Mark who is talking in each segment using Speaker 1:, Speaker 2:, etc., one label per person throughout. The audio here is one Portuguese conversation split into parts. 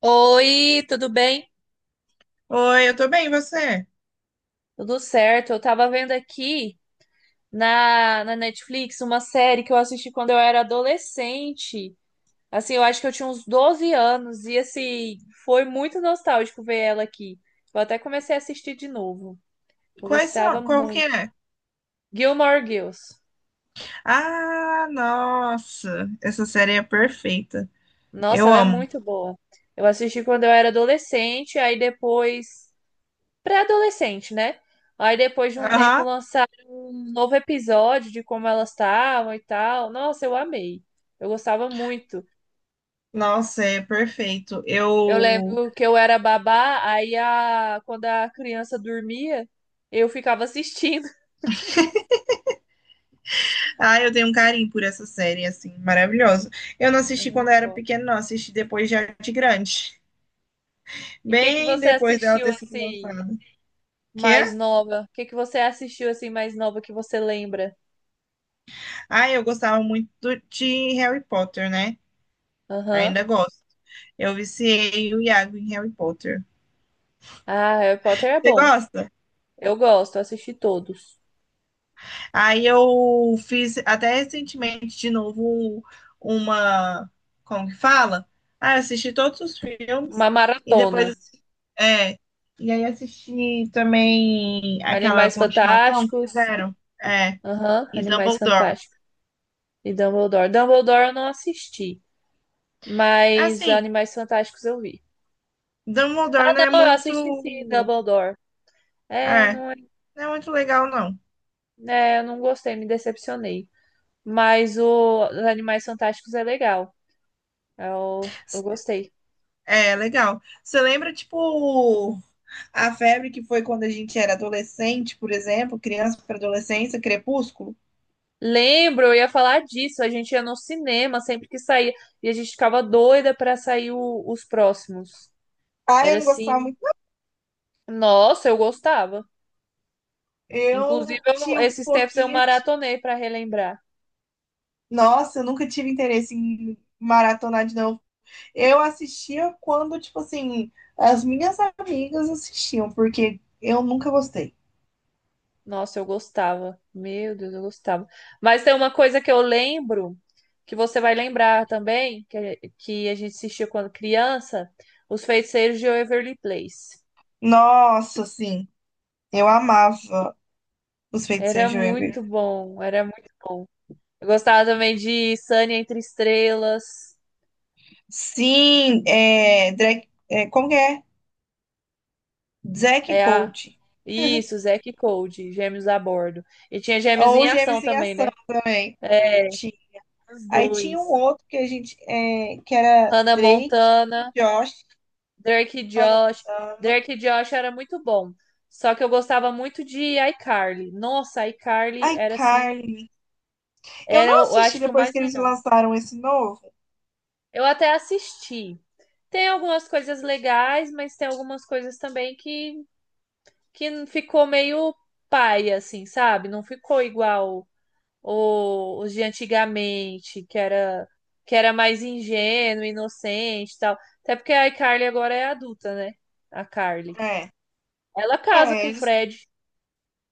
Speaker 1: Oi, tudo bem?
Speaker 2: Oi, eu tô bem, e você?
Speaker 1: Tudo certo. Eu tava vendo aqui na Netflix uma série que eu assisti quando eu era adolescente. Assim, eu acho que eu tinha uns 12 anos e assim, foi muito nostálgico ver ela aqui. Eu até comecei a assistir de novo. Eu
Speaker 2: Quais
Speaker 1: gostava
Speaker 2: são? Qual que
Speaker 1: muito.
Speaker 2: é?
Speaker 1: Gilmore Girls.
Speaker 2: Ah, nossa, essa série é perfeita.
Speaker 1: Nossa,
Speaker 2: Eu
Speaker 1: ela é
Speaker 2: amo.
Speaker 1: muito boa. Eu assisti quando eu era adolescente, aí depois pré-adolescente, né? Aí depois de um tempo
Speaker 2: Aham.
Speaker 1: lançaram um novo episódio de como elas estavam e tal. Nossa, eu amei. Eu gostava muito.
Speaker 2: Nossa, é perfeito.
Speaker 1: Eu
Speaker 2: Eu,
Speaker 1: lembro que eu era babá, aí, quando a criança dormia, eu ficava assistindo.
Speaker 2: ah, eu tenho um carinho por essa série, assim, maravilhosa. Eu não
Speaker 1: É
Speaker 2: assisti quando eu
Speaker 1: muito
Speaker 2: era
Speaker 1: bom.
Speaker 2: pequena, não, assisti depois já de grande,
Speaker 1: E o que que
Speaker 2: bem
Speaker 1: você
Speaker 2: depois dela
Speaker 1: assistiu
Speaker 2: ter sido
Speaker 1: assim
Speaker 2: lançada. Que?
Speaker 1: mais nova? O que que você assistiu assim mais nova que você lembra?
Speaker 2: Ah, eu gostava muito de Harry Potter, né?
Speaker 1: Aham.
Speaker 2: Ainda gosto. Eu viciei o Iago em Harry Potter.
Speaker 1: Ah, Harry Potter é
Speaker 2: Você
Speaker 1: bom.
Speaker 2: gosta?
Speaker 1: Eu gosto, eu assisti todos.
Speaker 2: Aí eu fiz até recentemente de novo uma, como que fala? Ah, eu assisti todos os
Speaker 1: Uma
Speaker 2: filmes e depois
Speaker 1: maratona.
Speaker 2: é, e aí assisti também aquela
Speaker 1: Animais
Speaker 2: continuação que
Speaker 1: Fantásticos.
Speaker 2: fizeram, é,
Speaker 1: Aham,
Speaker 2: e
Speaker 1: Animais
Speaker 2: Dumbledore.
Speaker 1: Fantásticos e Dumbledore. Dumbledore eu não assisti, mas
Speaker 2: Assim,
Speaker 1: Animais Fantásticos eu vi.
Speaker 2: Dumbledore
Speaker 1: Ah,
Speaker 2: não é
Speaker 1: não, eu
Speaker 2: muito,
Speaker 1: assisti sim, Dumbledore. É,
Speaker 2: é,
Speaker 1: não, é,
Speaker 2: não é muito legal não.
Speaker 1: é, eu não gostei, me decepcionei. Mas o os Animais Fantásticos é legal. Eu gostei.
Speaker 2: É, legal. Você lembra, tipo, a febre que foi quando a gente era adolescente, por exemplo, criança para adolescência, Crepúsculo?
Speaker 1: Lembro, eu ia falar disso. A gente ia no cinema sempre que saía. E a gente ficava doida pra sair os próximos.
Speaker 2: Ah,
Speaker 1: Era
Speaker 2: eu não gostava
Speaker 1: assim.
Speaker 2: muito.
Speaker 1: Nossa, eu gostava. Inclusive,
Speaker 2: Eu tinha um
Speaker 1: esses tempos eu
Speaker 2: pouquinho.
Speaker 1: maratonei pra relembrar.
Speaker 2: Nossa, eu nunca tive interesse em maratonar de novo. Eu assistia quando, tipo assim, as minhas amigas assistiam, porque eu nunca gostei.
Speaker 1: Nossa, eu gostava. Meu Deus, eu gostava. Mas tem uma coisa que eu lembro, que você vai lembrar também, que a gente assistia quando criança, Os Feiticeiros de Waverly Place.
Speaker 2: Nossa, assim, eu amava os feiticeiros
Speaker 1: Era
Speaker 2: de Waverly.
Speaker 1: muito bom, era muito bom. Eu gostava também de Sunny Entre Estrelas.
Speaker 2: Sim, é, Drake, é, como que é? Zack
Speaker 1: É a...
Speaker 2: Coach.
Speaker 1: Isso, Zack e Cody, Gêmeos a Bordo. E tinha Gêmeos
Speaker 2: Ou
Speaker 1: em Ação
Speaker 2: Gêmeos em
Speaker 1: também,
Speaker 2: Ação
Speaker 1: né?
Speaker 2: também.
Speaker 1: É,
Speaker 2: Tinha.
Speaker 1: os
Speaker 2: Aí tinha um
Speaker 1: dois.
Speaker 2: outro que a gente, que era
Speaker 1: Hannah
Speaker 2: Drake e
Speaker 1: Montana.
Speaker 2: Josh.
Speaker 1: Drake e
Speaker 2: Hannah.
Speaker 1: Josh. Drake e Josh era muito bom. Só que eu gostava muito de iCarly. Nossa, iCarly
Speaker 2: Ai,
Speaker 1: era assim,
Speaker 2: Carly. Eu
Speaker 1: era
Speaker 2: não
Speaker 1: eu
Speaker 2: assisti
Speaker 1: acho que o
Speaker 2: depois
Speaker 1: mais
Speaker 2: que eles
Speaker 1: legal.
Speaker 2: lançaram esse novo.
Speaker 1: Eu até assisti. Tem algumas coisas legais, mas tem algumas coisas também que ficou meio paia assim, sabe? Não ficou igual os de antigamente, que era mais ingênuo, inocente, e tal. Até porque a iCarly agora é adulta, né? A Carly.
Speaker 2: É.
Speaker 1: Ela casa
Speaker 2: É,
Speaker 1: com o
Speaker 2: eles,
Speaker 1: Fred.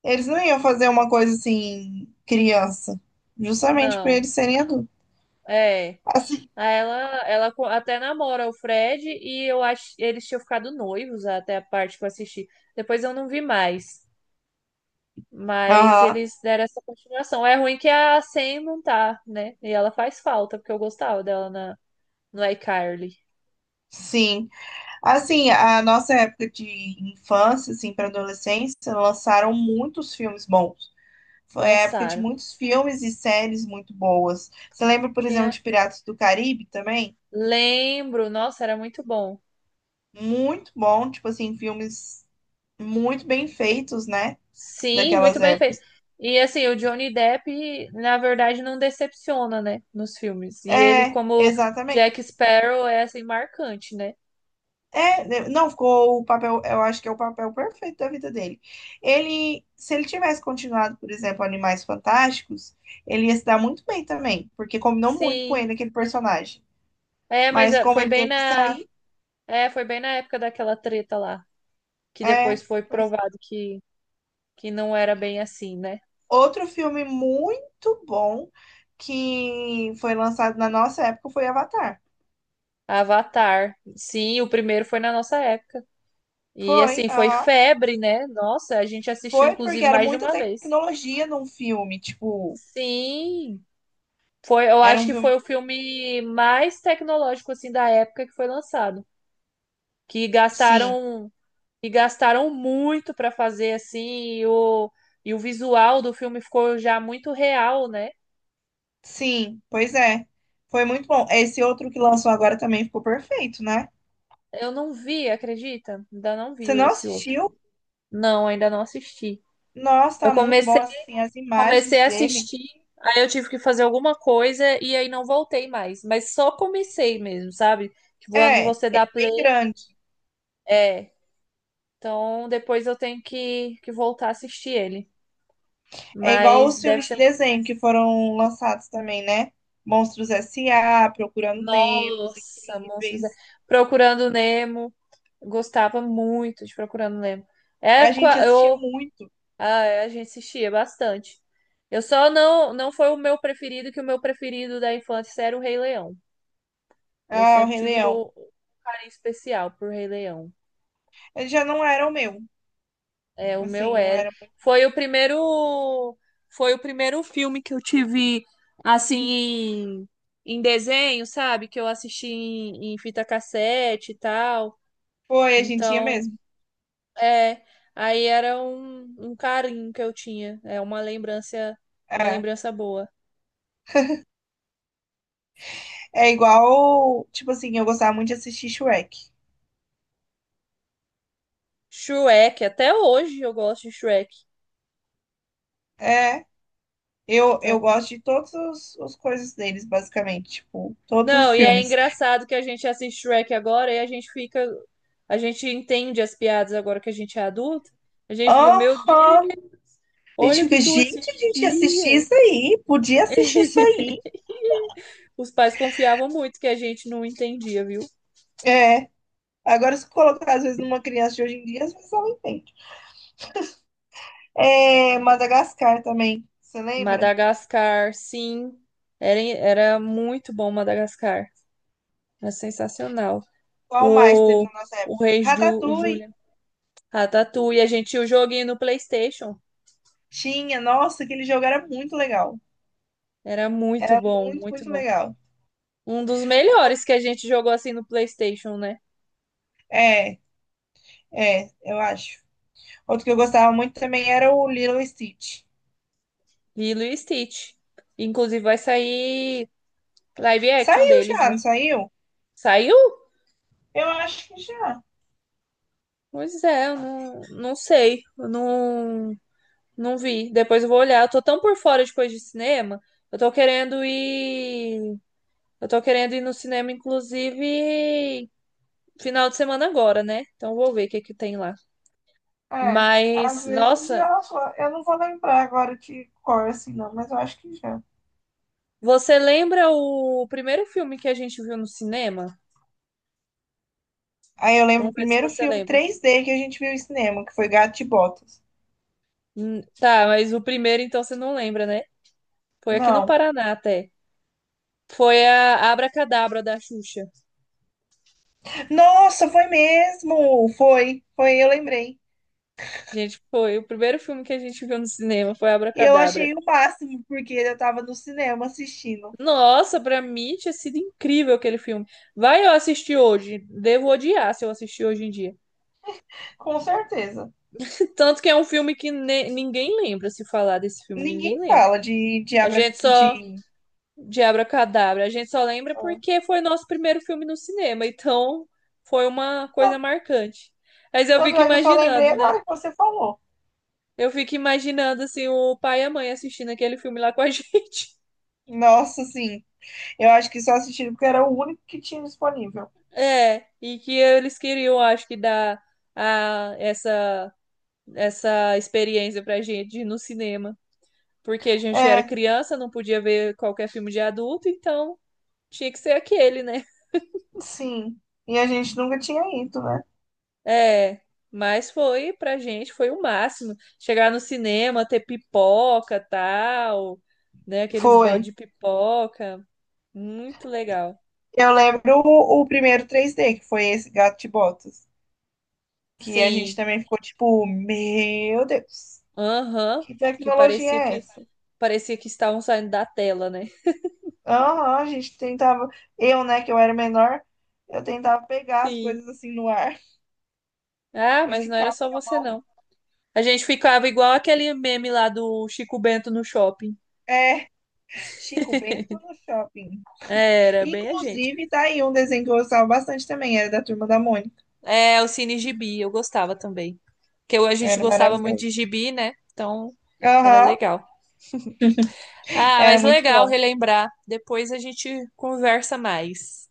Speaker 2: eles não iam fazer uma coisa assim, criança. Justamente por
Speaker 1: Não,
Speaker 2: eles serem adultos.
Speaker 1: é.
Speaker 2: Assim.
Speaker 1: Aí ela até namora o Fred e eu acho eles tinham ficado noivos até a parte que eu assisti. Depois eu não vi mais, mas
Speaker 2: Aham.
Speaker 1: eles deram essa continuação. É ruim que a Sam não tá, né? E ela faz falta, porque eu gostava dela no iCarly.
Speaker 2: Sim. Assim, a nossa época de infância, assim, para adolescência, lançaram muitos filmes bons. Foi a época de
Speaker 1: Lançaram.
Speaker 2: muitos filmes e séries muito boas. Você lembra, por exemplo,
Speaker 1: Tinha.
Speaker 2: de Piratas do Caribe também?
Speaker 1: Lembro, nossa, era muito bom.
Speaker 2: Muito bom, tipo assim, filmes muito bem feitos, né?
Speaker 1: Sim, muito
Speaker 2: Daquelas
Speaker 1: bem feito.
Speaker 2: épocas.
Speaker 1: E assim, o Johnny Depp, na verdade, não decepciona, né, nos filmes. E ele,
Speaker 2: É,
Speaker 1: como Jack
Speaker 2: exatamente.
Speaker 1: Sparrow, é assim marcante, né?
Speaker 2: É, não ficou o papel, eu acho que é o papel perfeito da vida dele. Se ele tivesse continuado, por exemplo, Animais Fantásticos, ele ia se dar muito bem também, porque combinou muito com ele
Speaker 1: Sim.
Speaker 2: aquele personagem.
Speaker 1: É, mas
Speaker 2: Mas
Speaker 1: é,
Speaker 2: como ele teve que sair.
Speaker 1: foi bem na época daquela treta lá, que depois
Speaker 2: é.
Speaker 1: foi
Speaker 2: pois-
Speaker 1: provado que não era bem assim, né?
Speaker 2: Outro filme muito bom que foi lançado na nossa época foi Avatar.
Speaker 1: Avatar. Sim, o primeiro foi na nossa época. E
Speaker 2: Foi,
Speaker 1: assim, foi
Speaker 2: aham.
Speaker 1: febre, né? Nossa, a gente assistiu
Speaker 2: Foi porque
Speaker 1: inclusive
Speaker 2: era
Speaker 1: mais de
Speaker 2: muita
Speaker 1: uma vez.
Speaker 2: tecnologia num filme, tipo,
Speaker 1: Sim, foi, eu
Speaker 2: era
Speaker 1: acho
Speaker 2: um
Speaker 1: que
Speaker 2: filme,
Speaker 1: foi o filme mais tecnológico assim da época que foi lançado, que
Speaker 2: sim.
Speaker 1: gastaram e gastaram muito para fazer assim, e o e o visual do filme ficou já muito real, né?
Speaker 2: Sim, pois é. Foi muito bom. Esse outro que lançou agora também ficou perfeito, né?
Speaker 1: Eu não vi, acredita? Ainda não vi
Speaker 2: Você não
Speaker 1: esse outro.
Speaker 2: assistiu?
Speaker 1: Não, ainda não assisti.
Speaker 2: Nossa,
Speaker 1: Eu
Speaker 2: tá muito bom,
Speaker 1: comecei,
Speaker 2: assim, as
Speaker 1: comecei
Speaker 2: imagens
Speaker 1: a
Speaker 2: dele.
Speaker 1: assistir, aí eu tive que fazer alguma coisa e aí não voltei mais, mas só comecei mesmo, sabe? Tipo, quando
Speaker 2: É, é
Speaker 1: você dá play,
Speaker 2: bem grande.
Speaker 1: é, então, depois eu tenho que voltar a assistir ele.
Speaker 2: É igual
Speaker 1: Mas
Speaker 2: os
Speaker 1: deve
Speaker 2: filmes de
Speaker 1: ser.
Speaker 2: desenho que foram lançados também, né? Monstros S.A., Procurando Nemo, Os
Speaker 1: Nossa, Monstros.
Speaker 2: Incríveis.
Speaker 1: Procurando Nemo. Gostava muito de Procurando Nemo. É,
Speaker 2: A gente
Speaker 1: qua-
Speaker 2: assistia
Speaker 1: eu,
Speaker 2: muito.
Speaker 1: a, a gente assistia bastante. Eu só não foi o meu preferido, que o meu preferido da infância era o Rei Leão. Eu
Speaker 2: Ah, o
Speaker 1: sempre
Speaker 2: Rei
Speaker 1: tive
Speaker 2: Leão.
Speaker 1: um carinho especial por Rei Leão.
Speaker 2: Ele já não era o meu.
Speaker 1: É, o meu
Speaker 2: Assim, não
Speaker 1: era.
Speaker 2: era.
Speaker 1: Foi o primeiro, foi o primeiro filme que eu tive assim em, em desenho, sabe? Que eu assisti em fita cassete e tal.
Speaker 2: Foi, a gente ia
Speaker 1: Então,
Speaker 2: mesmo.
Speaker 1: é, aí era um carinho que eu tinha. É uma
Speaker 2: É,
Speaker 1: lembrança boa.
Speaker 2: é igual, tipo assim, eu gostava muito de assistir Shrek.
Speaker 1: Shrek, até hoje eu gosto de Shrek.
Speaker 2: É. Eu,
Speaker 1: Então,
Speaker 2: eu gosto de todas as coisas deles, basicamente. Tipo, todos os
Speaker 1: não, e é
Speaker 2: filmes.
Speaker 1: engraçado que a gente assiste Shrek agora e a gente fica, a gente entende as piadas agora que a gente é adulto. A gente fica, meu
Speaker 2: Aham!
Speaker 1: Deus.
Speaker 2: A gente
Speaker 1: Olha o que
Speaker 2: fica,
Speaker 1: que eu
Speaker 2: gente, a gente ia assistir
Speaker 1: assistia.
Speaker 2: isso aí. Podia assistir isso aí.
Speaker 1: Os pais confiavam muito que a gente não entendia, viu?
Speaker 2: É. Agora, se colocar, às vezes, numa criança de hoje em dia, às vezes ela entende. É, Madagascar também. Você lembra?
Speaker 1: Madagascar, sim. Era muito bom Madagascar. Era sensacional.
Speaker 2: Qual mais teve
Speaker 1: O,
Speaker 2: na nossa
Speaker 1: o
Speaker 2: época?
Speaker 1: Rei Ju, o
Speaker 2: Ratatouille.
Speaker 1: Julian. Ratatouille. A gente tinha o joguinho no PlayStation.
Speaker 2: Tinha. Nossa, aquele jogo era muito legal.
Speaker 1: Era muito
Speaker 2: Era
Speaker 1: bom,
Speaker 2: muito,
Speaker 1: muito
Speaker 2: muito
Speaker 1: bom.
Speaker 2: legal.
Speaker 1: Um dos melhores que a gente jogou assim no PlayStation, né?
Speaker 2: É, é, eu acho. Outro que eu gostava muito também era o Lilo e Stitch.
Speaker 1: Lilo e Stitch. Inclusive vai sair live action
Speaker 2: Saiu
Speaker 1: deles,
Speaker 2: já,
Speaker 1: né?
Speaker 2: não saiu?
Speaker 1: Saiu.
Speaker 2: Eu acho que já.
Speaker 1: Pois é, eu não sei, eu não vi. Depois eu vou olhar. Eu tô tão por fora de coisa de cinema. Eu tô querendo ir. Eu tô querendo ir no cinema, inclusive, final de semana agora, né? Então eu vou ver o que que tem lá.
Speaker 2: É. Às
Speaker 1: Mas,
Speaker 2: vezes
Speaker 1: nossa,
Speaker 2: já só. Eu não vou lembrar agora de cor assim, não, mas eu acho que já.
Speaker 1: você lembra o primeiro filme que a gente viu no cinema?
Speaker 2: Aí eu lembro o
Speaker 1: Vamos ver se
Speaker 2: primeiro
Speaker 1: você
Speaker 2: filme
Speaker 1: lembra.
Speaker 2: 3D que a gente viu em cinema, que foi Gato de Botas.
Speaker 1: Tá, mas o primeiro então você não lembra, né? Foi aqui no
Speaker 2: Não.
Speaker 1: Paraná até. Foi a Abracadabra da Xuxa.
Speaker 2: Nossa, foi mesmo! Foi, foi, eu lembrei.
Speaker 1: Gente, foi o primeiro filme que a gente viu no cinema, foi
Speaker 2: Eu
Speaker 1: Abracadabra.
Speaker 2: achei o máximo, porque eu tava no cinema assistindo.
Speaker 1: Nossa, pra mim tinha sido incrível aquele filme. Vai eu assistir hoje, devo odiar se eu assistir hoje em dia.
Speaker 2: Com certeza.
Speaker 1: Tanto que é um filme que ninguém lembra se falar desse filme, ninguém
Speaker 2: Ninguém
Speaker 1: lembra.
Speaker 2: fala de
Speaker 1: A
Speaker 2: Abra.
Speaker 1: gente só
Speaker 2: De...
Speaker 1: de Abracadabra, a gente só lembra
Speaker 2: Ah.
Speaker 1: porque foi nosso primeiro filme no cinema, então foi uma coisa
Speaker 2: Tanto
Speaker 1: marcante. Mas eu
Speaker 2: tanto
Speaker 1: fico
Speaker 2: é que eu só lembrei
Speaker 1: imaginando, né?
Speaker 2: agora que você falou.
Speaker 1: Eu fico imaginando assim o pai e a mãe assistindo aquele filme lá com a gente.
Speaker 2: Nossa, sim. Eu acho que só assistiram porque era o único que tinha disponível.
Speaker 1: É, e que eles queriam, acho que, dar a, essa, essa experiência pra gente de ir no cinema. Porque a gente era
Speaker 2: É,
Speaker 1: criança, não podia ver qualquer filme de adulto, então tinha que ser aquele, né?
Speaker 2: sim. E a gente nunca tinha ido, né?
Speaker 1: É, mas foi, pra gente, foi o máximo. Chegar no cinema, ter pipoca, tal, né? Aqueles
Speaker 2: Foi.
Speaker 1: balde de pipoca. Muito legal.
Speaker 2: Eu lembro o primeiro 3D, que foi esse Gato de Botas. Que a gente
Speaker 1: Sim,
Speaker 2: também ficou tipo, meu Deus,
Speaker 1: aham,
Speaker 2: que
Speaker 1: que
Speaker 2: tecnologia
Speaker 1: parecia
Speaker 2: é
Speaker 1: que
Speaker 2: essa?
Speaker 1: parecia que estavam saindo da tela, né?
Speaker 2: Aham, a gente tentava. Eu, né, que eu era menor, eu tentava pegar as
Speaker 1: Sim.
Speaker 2: coisas assim no ar.
Speaker 1: Ah,
Speaker 2: Eu
Speaker 1: mas não era
Speaker 2: esticava
Speaker 1: só
Speaker 2: minha
Speaker 1: você,
Speaker 2: mão.
Speaker 1: não. A gente ficava igual aquele meme lá do Chico Bento no shopping.
Speaker 2: É, Chico Bento no shopping.
Speaker 1: Era bem a gente.
Speaker 2: Inclusive, tá aí um desenho que eu gostava bastante também, era da Turma da Mônica.
Speaker 1: É, o Cine Gibi, eu gostava também. Porque a gente
Speaker 2: Era
Speaker 1: gostava muito de
Speaker 2: maravilhoso.
Speaker 1: gibi, né? Então, era
Speaker 2: Aham,
Speaker 1: legal. Ah,
Speaker 2: era
Speaker 1: mas
Speaker 2: muito
Speaker 1: legal
Speaker 2: bom.
Speaker 1: relembrar. Depois a gente conversa mais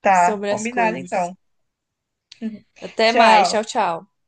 Speaker 2: Tá,
Speaker 1: sobre as
Speaker 2: combinado
Speaker 1: coisas.
Speaker 2: então.
Speaker 1: Até mais.
Speaker 2: Tchau.
Speaker 1: Tchau, tchau.